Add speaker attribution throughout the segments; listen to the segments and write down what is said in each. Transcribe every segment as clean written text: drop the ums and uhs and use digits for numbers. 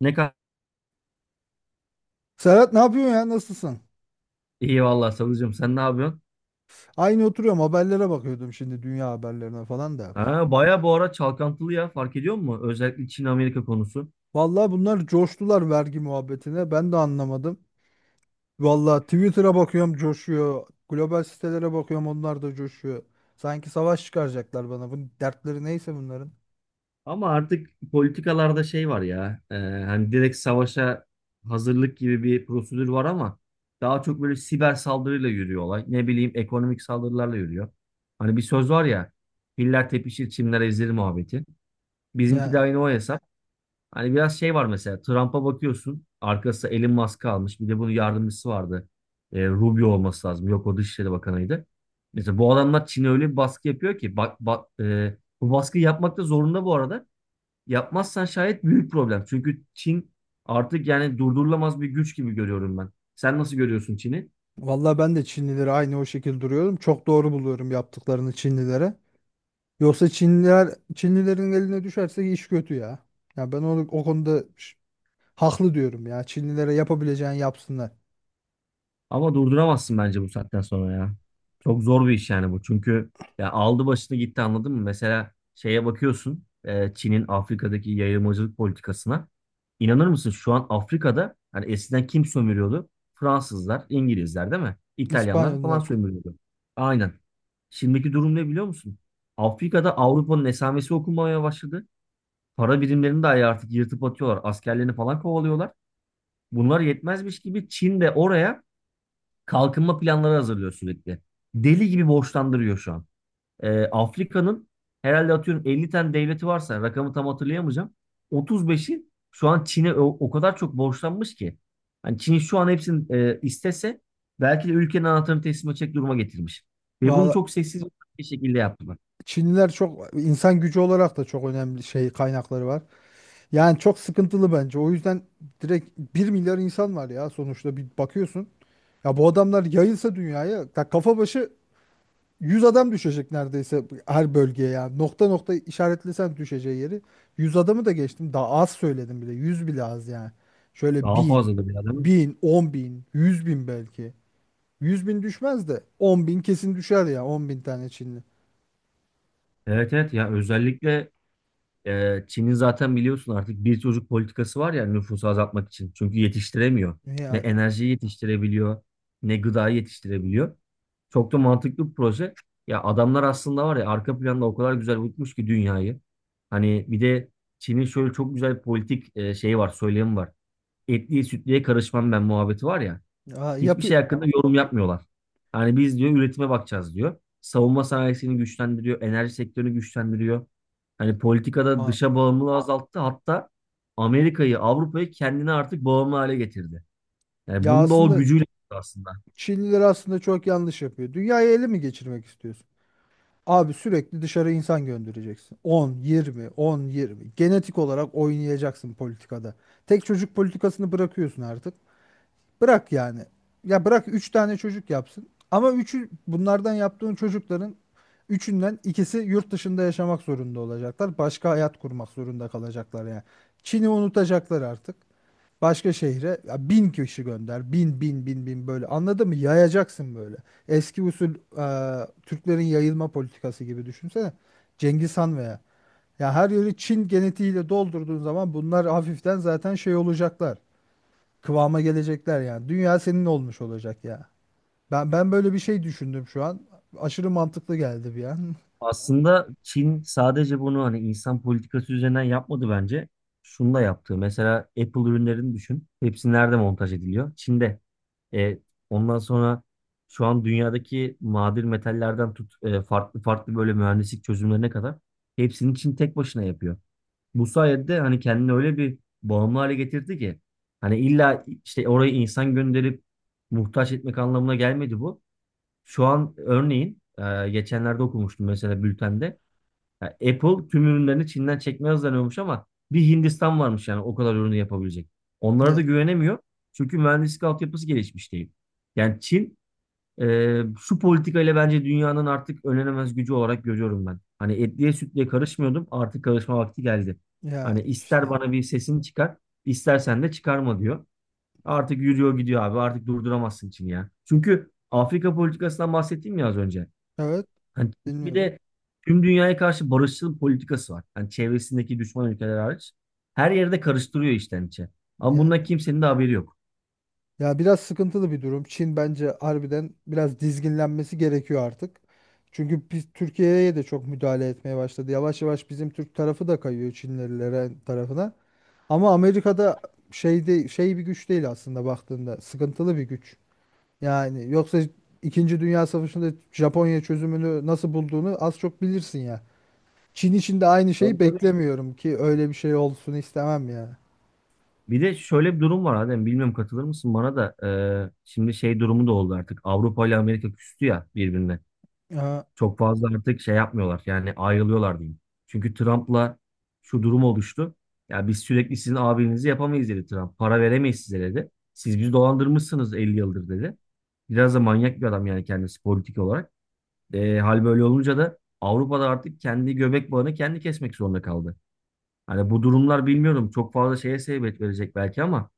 Speaker 1: Ne kadar
Speaker 2: Serhat ne yapıyorsun ya? Nasılsın?
Speaker 1: iyi vallahi Savucuğum, sen ne yapıyorsun?
Speaker 2: Aynı oturuyorum, haberlere bakıyordum şimdi, dünya haberlerine falan da.
Speaker 1: Ha, baya bu ara çalkantılı ya, fark ediyor musun? Özellikle Çin-Amerika konusu.
Speaker 2: Vallahi bunlar coştular vergi muhabbetine. Ben de anlamadım. Vallahi Twitter'a bakıyorum coşuyor. Global sitelere bakıyorum, onlar da coşuyor. Sanki savaş çıkaracaklar bana. Bu dertleri neyse bunların.
Speaker 1: Ama artık politikalarda şey var ya, hani direkt savaşa hazırlık gibi bir prosedür var ama daha çok böyle siber saldırıyla yürüyor olay. Ne bileyim, ekonomik saldırılarla yürüyor. Hani bir söz var ya, filler tepişir çimler ezilir muhabbeti. Bizimki
Speaker 2: Ya
Speaker 1: de aynı o hesap. Hani biraz şey var, mesela Trump'a bakıyorsun, arkasında Elon Musk almış, bir de bunun yardımcısı vardı. Rubio olması lazım. Yok, o Dışişleri Bakanı'ydı. Mesela bu adamlar Çin'e öyle bir baskı yapıyor ki bak, bak, bu baskıyı yapmak da zorunda bu arada. Yapmazsan şayet büyük problem. Çünkü Çin artık yani durdurulamaz bir güç gibi görüyorum ben. Sen nasıl görüyorsun Çin'i?
Speaker 2: vallahi ben de Çinlileri aynı o şekilde duruyorum. Çok doğru buluyorum yaptıklarını Çinlilere. Yoksa Çinliler Çinlilerin eline düşerse iş kötü ya. Ya ben onu o konuda haklı diyorum ya. Çinlilere yapabileceğini yapsınlar.
Speaker 1: Ama durduramazsın bence bu saatten sonra ya. Çok zor bir iş yani bu. Çünkü ya aldı başını gitti, anladın mı? Mesela şeye bakıyorsun, Çin'in Afrika'daki yayılmacılık politikasına. İnanır mısın, şu an Afrika'da hani eskiden kim sömürüyordu? Fransızlar, İngilizler değil mi? İtalyanlar falan
Speaker 2: İspanyollar.
Speaker 1: sömürüyordu. Aynen. Şimdiki durum ne, biliyor musun? Afrika'da Avrupa'nın esamesi okunmaya başladı. Para birimlerini de artık yırtıp atıyorlar. Askerlerini falan kovalıyorlar. Bunlar yetmezmiş gibi Çin de oraya kalkınma planları hazırlıyor sürekli. Deli gibi borçlandırıyor şu an. Afrika'nın herhalde, atıyorum, 50 tane devleti varsa, rakamı tam hatırlayamayacağım. 35'i şu an Çin'e o kadar çok borçlanmış ki. Hani Çin şu an hepsini, istese belki de ülkenin anahtarını teslim edecek duruma getirmiş. Ve bunu
Speaker 2: Valla
Speaker 1: çok sessiz bir şekilde yaptılar.
Speaker 2: Çinliler çok insan gücü olarak da çok önemli şey kaynakları var. Yani çok sıkıntılı bence. O yüzden direkt bir milyar insan var ya sonuçta, bir bakıyorsun. Ya bu adamlar yayılsa dünyaya ya, kafa başı 100 adam düşecek neredeyse her bölgeye ya. Nokta nokta işaretlesen düşeceği yeri. Yüz adamı da geçtim. Daha az söyledim bile. 100 bile az yani. Şöyle
Speaker 1: Daha
Speaker 2: 1000,
Speaker 1: fazla da bir adam.
Speaker 2: 1000, 10 bin, 100 bin belki. 100 bin düşmez de 10 bin kesin düşer ya, 10 bin tane Çinli.
Speaker 1: Evet, evet ya, özellikle Çin'in zaten biliyorsun, artık bir çocuk politikası var ya nüfusu azaltmak için. Çünkü yetiştiremiyor. Ne
Speaker 2: Yani.
Speaker 1: enerjiyi yetiştirebiliyor, ne gıdayı yetiştirebiliyor. Çok da mantıklı bir proje. Ya adamlar aslında var ya, arka planda o kadar güzel yutmuş ki dünyayı. Hani bir de Çin'in şöyle çok güzel bir politik, şeyi var, söylemi var. Etliye sütlüye karışmam ben muhabbeti var ya.
Speaker 2: Aa,
Speaker 1: Hiçbir
Speaker 2: yapı
Speaker 1: şey hakkında yorum yapmıyorlar. Hani biz, diyor, üretime bakacağız, diyor. Savunma sanayisini güçlendiriyor, enerji sektörünü güçlendiriyor. Hani politikada
Speaker 2: Aa,
Speaker 1: dışa bağımlılığı azalttı. Hatta Amerika'yı, Avrupa'yı kendine artık bağımlı hale getirdi. Yani
Speaker 2: ya
Speaker 1: bunu da o
Speaker 2: aslında
Speaker 1: gücüyle yaptı aslında.
Speaker 2: Çinliler aslında çok yanlış yapıyor. Dünyayı ele mi geçirmek istiyorsun? Abi sürekli dışarı insan göndereceksin. 10, 20, 10 20. Genetik olarak oynayacaksın politikada. Tek çocuk politikasını bırakıyorsun artık. Bırak yani. Ya bırak 3 tane çocuk yapsın. Ama üçü bunlardan, yaptığın çocukların üçünden ikisi yurt dışında yaşamak zorunda olacaklar. Başka hayat kurmak zorunda kalacaklar yani. Çin'i unutacaklar artık. Başka şehre ya, bin kişi gönder. Bin bin bin bin böyle. Anladın mı? Yayacaksın böyle. Eski usul Türklerin yayılma politikası gibi düşünsene. Cengiz Han veya. Ya her yeri Çin genetiğiyle doldurduğun zaman bunlar hafiften zaten şey olacaklar. Kıvama gelecekler yani. Dünya senin olmuş olacak ya. Ben böyle bir şey düşündüm şu an. Aşırı mantıklı geldi bir an.
Speaker 1: Aslında Çin sadece bunu hani insan politikası üzerinden yapmadı bence. Şunu da yaptı. Mesela Apple ürünlerini düşün. Hepsi nerede montaj ediliyor? Çin'de. E, ondan sonra şu an dünyadaki nadir metallerden tut, farklı farklı böyle mühendislik çözümlerine kadar hepsini Çin tek başına yapıyor. Bu sayede de hani kendini öyle bir bağımlı hale getirdi ki, hani illa işte oraya insan gönderip muhtaç etmek anlamına gelmedi bu. Şu an örneğin, geçenlerde okumuştum mesela bültende. Ya Apple tüm ürünlerini Çin'den çekmeye hazırlanıyormuş ama bir Hindistan varmış yani o kadar ürünü yapabilecek. Onlara da güvenemiyor. Çünkü mühendislik altyapısı gelişmiş değil. Yani Çin, şu politikayla bence dünyanın artık önlenemez gücü olarak görüyorum ben. Hani etliye sütlüye karışmıyordum, artık karışma vakti geldi.
Speaker 2: Ya,
Speaker 1: Hani
Speaker 2: yani
Speaker 1: ister
Speaker 2: işte.
Speaker 1: bana bir sesini çıkar, istersen de çıkarma diyor. Artık yürüyor gidiyor abi. Artık durduramazsın Çin'i ya. Çünkü Afrika politikasından bahsettiğim ya az önce.
Speaker 2: Evet,
Speaker 1: Hani bir
Speaker 2: dinliyorum.
Speaker 1: de tüm dünyaya karşı barışçıl politikası var. Hani çevresindeki düşman ülkeler hariç. Her yerde karıştırıyor içten içe. Ama
Speaker 2: Ya
Speaker 1: bundan kimsenin de haberi yok.
Speaker 2: Ya biraz sıkıntılı bir durum. Çin bence harbiden biraz dizginlenmesi gerekiyor artık. Çünkü biz Türkiye'ye de çok müdahale etmeye başladı. Yavaş yavaş bizim Türk tarafı da kayıyor Çinlilere tarafına. Ama Amerika'da şey bir güç değil aslında baktığında. Sıkıntılı bir güç. Yani yoksa, İkinci Dünya Savaşı'nda Japonya çözümünü nasıl bulduğunu az çok bilirsin ya. Çin için de aynı
Speaker 1: Tabii,
Speaker 2: şeyi
Speaker 1: tabii.
Speaker 2: beklemiyorum, ki öyle bir şey olsun istemem
Speaker 1: Bir de şöyle bir durum var Adem. Bilmiyorum, katılır mısın bana da. Şimdi şey durumu da oldu artık. Avrupa ile Amerika küstü ya birbirine.
Speaker 2: ya.
Speaker 1: Çok fazla artık şey yapmıyorlar. Yani ayrılıyorlar diyeyim. Çünkü Trump'la şu durum oluştu. Ya biz sürekli sizin abinizi yapamayız dedi Trump. Para veremeyiz size dedi. Siz bizi dolandırmışsınız 50 yıldır dedi. Biraz da manyak bir adam yani kendisi politik olarak. Hal böyle olunca da Avrupa'da artık kendi göbek bağını kendi kesmek zorunda kaldı. Hani bu durumlar bilmiyorum çok fazla şeye sebebiyet verecek belki ama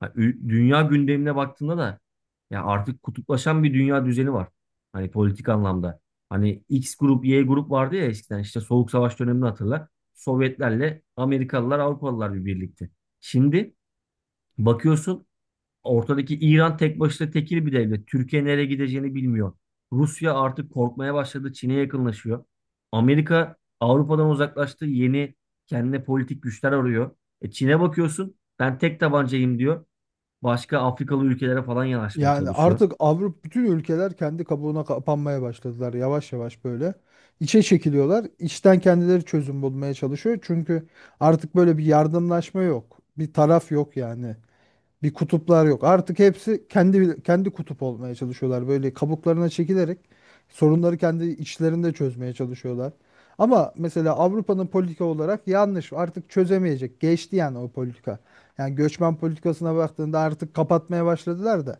Speaker 1: ha, dünya gündemine baktığında da ya artık kutuplaşan bir dünya düzeni var. Hani politik anlamda. Hani X grup, Y grup vardı ya eskiden, işte Soğuk Savaş dönemini hatırla. Sovyetlerle Amerikalılar, Avrupalılar bir birlikte. Şimdi bakıyorsun, ortadaki İran tek başına tekil bir devlet. Türkiye nereye gideceğini bilmiyor. Rusya artık korkmaya başladı. Çin'e yakınlaşıyor. Amerika Avrupa'dan uzaklaştı. Yeni kendine politik güçler arıyor. E Çin'e bakıyorsun. Ben tek tabancayım diyor. Başka Afrikalı ülkelere falan yanaşmaya
Speaker 2: Yani
Speaker 1: çalışıyor.
Speaker 2: artık Avrupa, bütün ülkeler kendi kabuğuna kapanmaya başladılar yavaş yavaş böyle. İçe çekiliyorlar. İçten kendileri çözüm bulmaya çalışıyor. Çünkü artık böyle bir yardımlaşma yok. Bir taraf yok yani. Bir kutuplar yok. Artık hepsi kendi kutup olmaya çalışıyorlar. Böyle kabuklarına çekilerek sorunları kendi içlerinde çözmeye çalışıyorlar. Ama mesela Avrupa'nın politika olarak yanlış. Artık çözemeyecek. Geçti yani o politika. Yani göçmen politikasına baktığında artık kapatmaya başladılar da.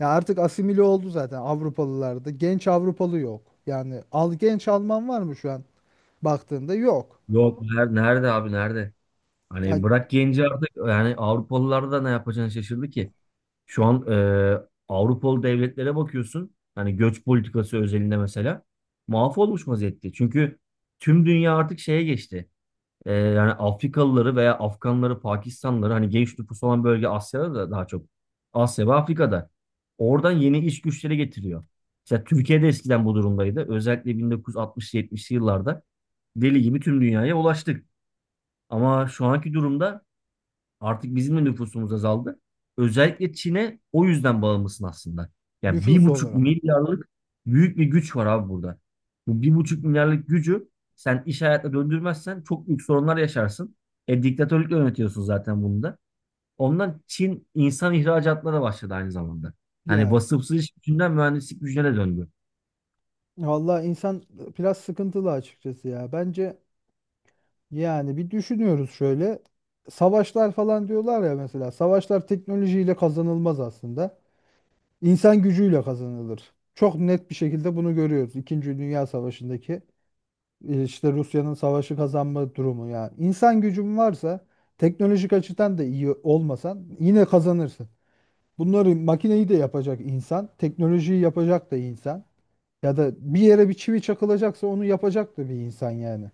Speaker 2: Ya artık asimile oldu zaten Avrupalılarda. Genç Avrupalı yok. Yani al, genç Alman var mı şu an baktığında? Yok.
Speaker 1: Yok, nerede abi, nerede?
Speaker 2: Ya
Speaker 1: Hani bırak genci, artık yani Avrupalılar da ne yapacağını şaşırdı ki. Şu an, Avrupalı devletlere bakıyorsun. Hani göç politikası özelinde mesela mahvolmuş vaziyette. Çünkü tüm dünya artık şeye geçti. Yani Afrikalıları veya Afganları, Pakistanlıları, hani genç nüfus olan bölge Asya'da da daha çok. Asya ve Afrika'da. Oradan yeni iş güçleri getiriyor. Mesela Türkiye'de eskiden bu durumdaydı. Özellikle 1960-70'li yıllarda deli gibi tüm dünyaya ulaştık. Ama şu anki durumda artık bizim de nüfusumuz azaldı. Özellikle Çin'e o yüzden bağımlısın aslında. Yani bir
Speaker 2: nüfus
Speaker 1: buçuk
Speaker 2: olarak.
Speaker 1: milyarlık büyük bir güç var abi burada. Bu 1,5 milyarlık gücü sen iş hayatına döndürmezsen çok büyük sorunlar yaşarsın. E diktatörlükle yönetiyorsun zaten bunu da. Ondan Çin insan ihracatına da başladı aynı zamanda. Hani
Speaker 2: Ya,
Speaker 1: vasıfsız iş gücünden mühendislik gücüne de döndü.
Speaker 2: valla insan biraz sıkıntılı açıkçası ya. Bence yani bir düşünüyoruz şöyle. Savaşlar falan diyorlar ya mesela. Savaşlar teknolojiyle kazanılmaz aslında. İnsan gücüyle kazanılır. Çok net bir şekilde bunu görüyoruz. İkinci Dünya Savaşı'ndaki işte Rusya'nın savaşı kazanma durumu ya. İnsan gücün varsa, teknolojik açıdan da iyi olmasan yine kazanırsın. Bunları makineyi de yapacak insan, teknolojiyi yapacak da insan. Ya da bir yere bir çivi çakılacaksa onu yapacak da bir insan yani.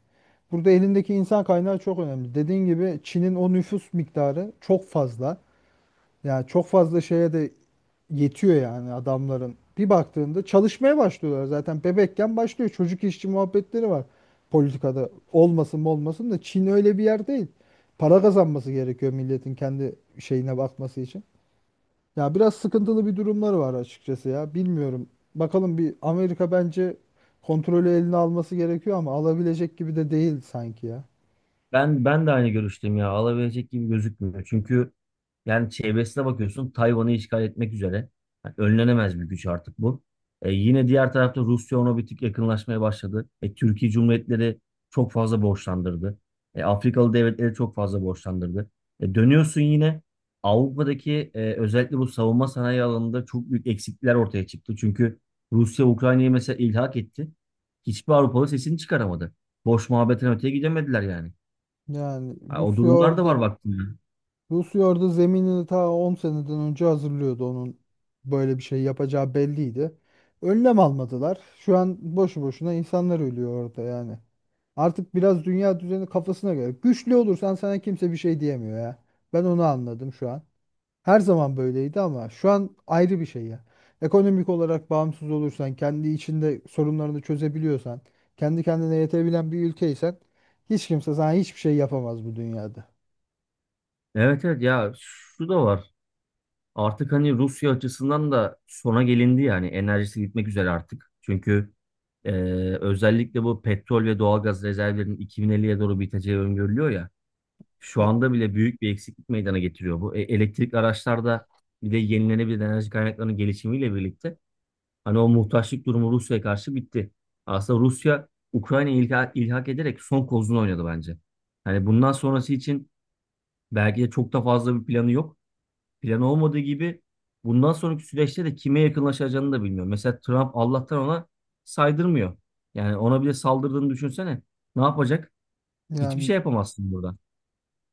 Speaker 2: Burada elindeki insan kaynağı çok önemli. Dediğin gibi Çin'in o nüfus miktarı çok fazla. Yani çok fazla şeye de yetiyor yani adamların. Bir baktığında çalışmaya başlıyorlar zaten. Bebekken başlıyor. Çocuk işçi muhabbetleri var politikada. Olmasın mı, olmasın da Çin öyle bir yer değil. Para kazanması gerekiyor milletin, kendi şeyine bakması için. Ya biraz sıkıntılı bir durumları var açıkçası ya. Bilmiyorum. Bakalım, bir Amerika bence kontrolü eline alması gerekiyor ama alabilecek gibi de değil sanki ya.
Speaker 1: Ben de aynı görüşteyim ya. Alabilecek gibi gözükmüyor. Çünkü yani çevresine bakıyorsun, Tayvan'ı işgal etmek üzere. Yani önlenemez bir güç artık bu. Yine diğer tarafta Rusya ona bir tık yakınlaşmaya başladı. Türkiye Cumhuriyetleri çok fazla borçlandırdı. Afrikalı devletleri çok fazla borçlandırdı. Dönüyorsun yine Avrupa'daki, özellikle bu savunma sanayi alanında çok büyük eksiklikler ortaya çıktı. Çünkü Rusya Ukrayna'yı mesela ilhak etti. Hiçbir Avrupalı sesini çıkaramadı. Boş muhabbetten öteye gidemediler yani.
Speaker 2: Yani
Speaker 1: Ha, o
Speaker 2: Rusya
Speaker 1: durumlar da
Speaker 2: orada
Speaker 1: var baktığında.
Speaker 2: Rusya orada zeminini ta 10 seneden önce hazırlıyordu. Onun böyle bir şey yapacağı belliydi. Önlem almadılar. Şu an boşu boşuna insanlar ölüyor orada yani. Artık biraz dünya düzeni kafasına göre. Güçlü olursan sana kimse bir şey diyemiyor ya. Ben onu anladım şu an. Her zaman böyleydi ama şu an ayrı bir şey ya. Ekonomik olarak bağımsız olursan, kendi içinde sorunlarını çözebiliyorsan, kendi kendine yetebilen bir ülkeysen hiç kimse sana hiçbir şey yapamaz bu dünyada.
Speaker 1: Evet, evet ya, şu da var. Artık hani Rusya açısından da sona gelindi yani, enerjisi gitmek üzere artık. Çünkü e, özellikle bu petrol ve doğalgaz rezervlerinin 2050'ye doğru biteceği öngörülüyor ya. Şu
Speaker 2: Ya-
Speaker 1: anda bile büyük bir eksiklik meydana getiriyor bu. E, elektrikli araçlarda bir de yenilenebilir enerji kaynaklarının gelişimiyle birlikte hani o muhtaçlık durumu Rusya'ya karşı bitti. Aslında Rusya Ukrayna'yı ilhak ederek son kozunu oynadı bence. Hani bundan sonrası için belki de çok da fazla bir planı yok. Planı olmadığı gibi bundan sonraki süreçte de kime yakınlaşacağını da bilmiyor. Mesela Trump Allah'tan ona saydırmıyor. Yani ona bile saldırdığını düşünsene. Ne yapacak? Hiçbir şey
Speaker 2: Yani
Speaker 1: yapamazsın burada.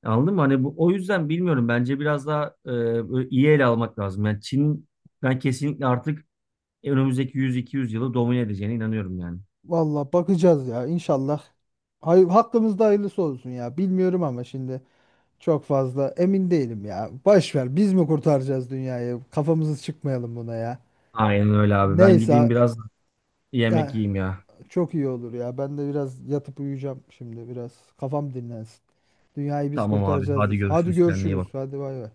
Speaker 1: Anladın mı? Hani bu o yüzden bilmiyorum. Bence biraz daha, böyle iyi ele almak lazım. Yani Çin, ben kesinlikle artık önümüzdeki 100-200 yılı domine edeceğine inanıyorum yani.
Speaker 2: valla bakacağız ya, inşallah. Hay hakkımızda hayırlısı olsun ya. Bilmiyorum ama şimdi çok fazla emin değilim ya. Baş ver, biz mi kurtaracağız dünyayı? Kafamızı çıkmayalım buna ya.
Speaker 1: Aynen öyle abi. Ben gideyim
Speaker 2: Neyse
Speaker 1: biraz yemek
Speaker 2: yani.
Speaker 1: yiyeyim ya.
Speaker 2: Çok iyi olur ya. Ben de biraz yatıp uyuyacağım şimdi biraz. Kafam dinlensin. Dünyayı biz
Speaker 1: Tamam abi.
Speaker 2: kurtaracağız
Speaker 1: Hadi
Speaker 2: biz. Hadi
Speaker 1: görüşürüz. Kendine iyi
Speaker 2: görüşürüz.
Speaker 1: bak.
Speaker 2: Hadi bay bay.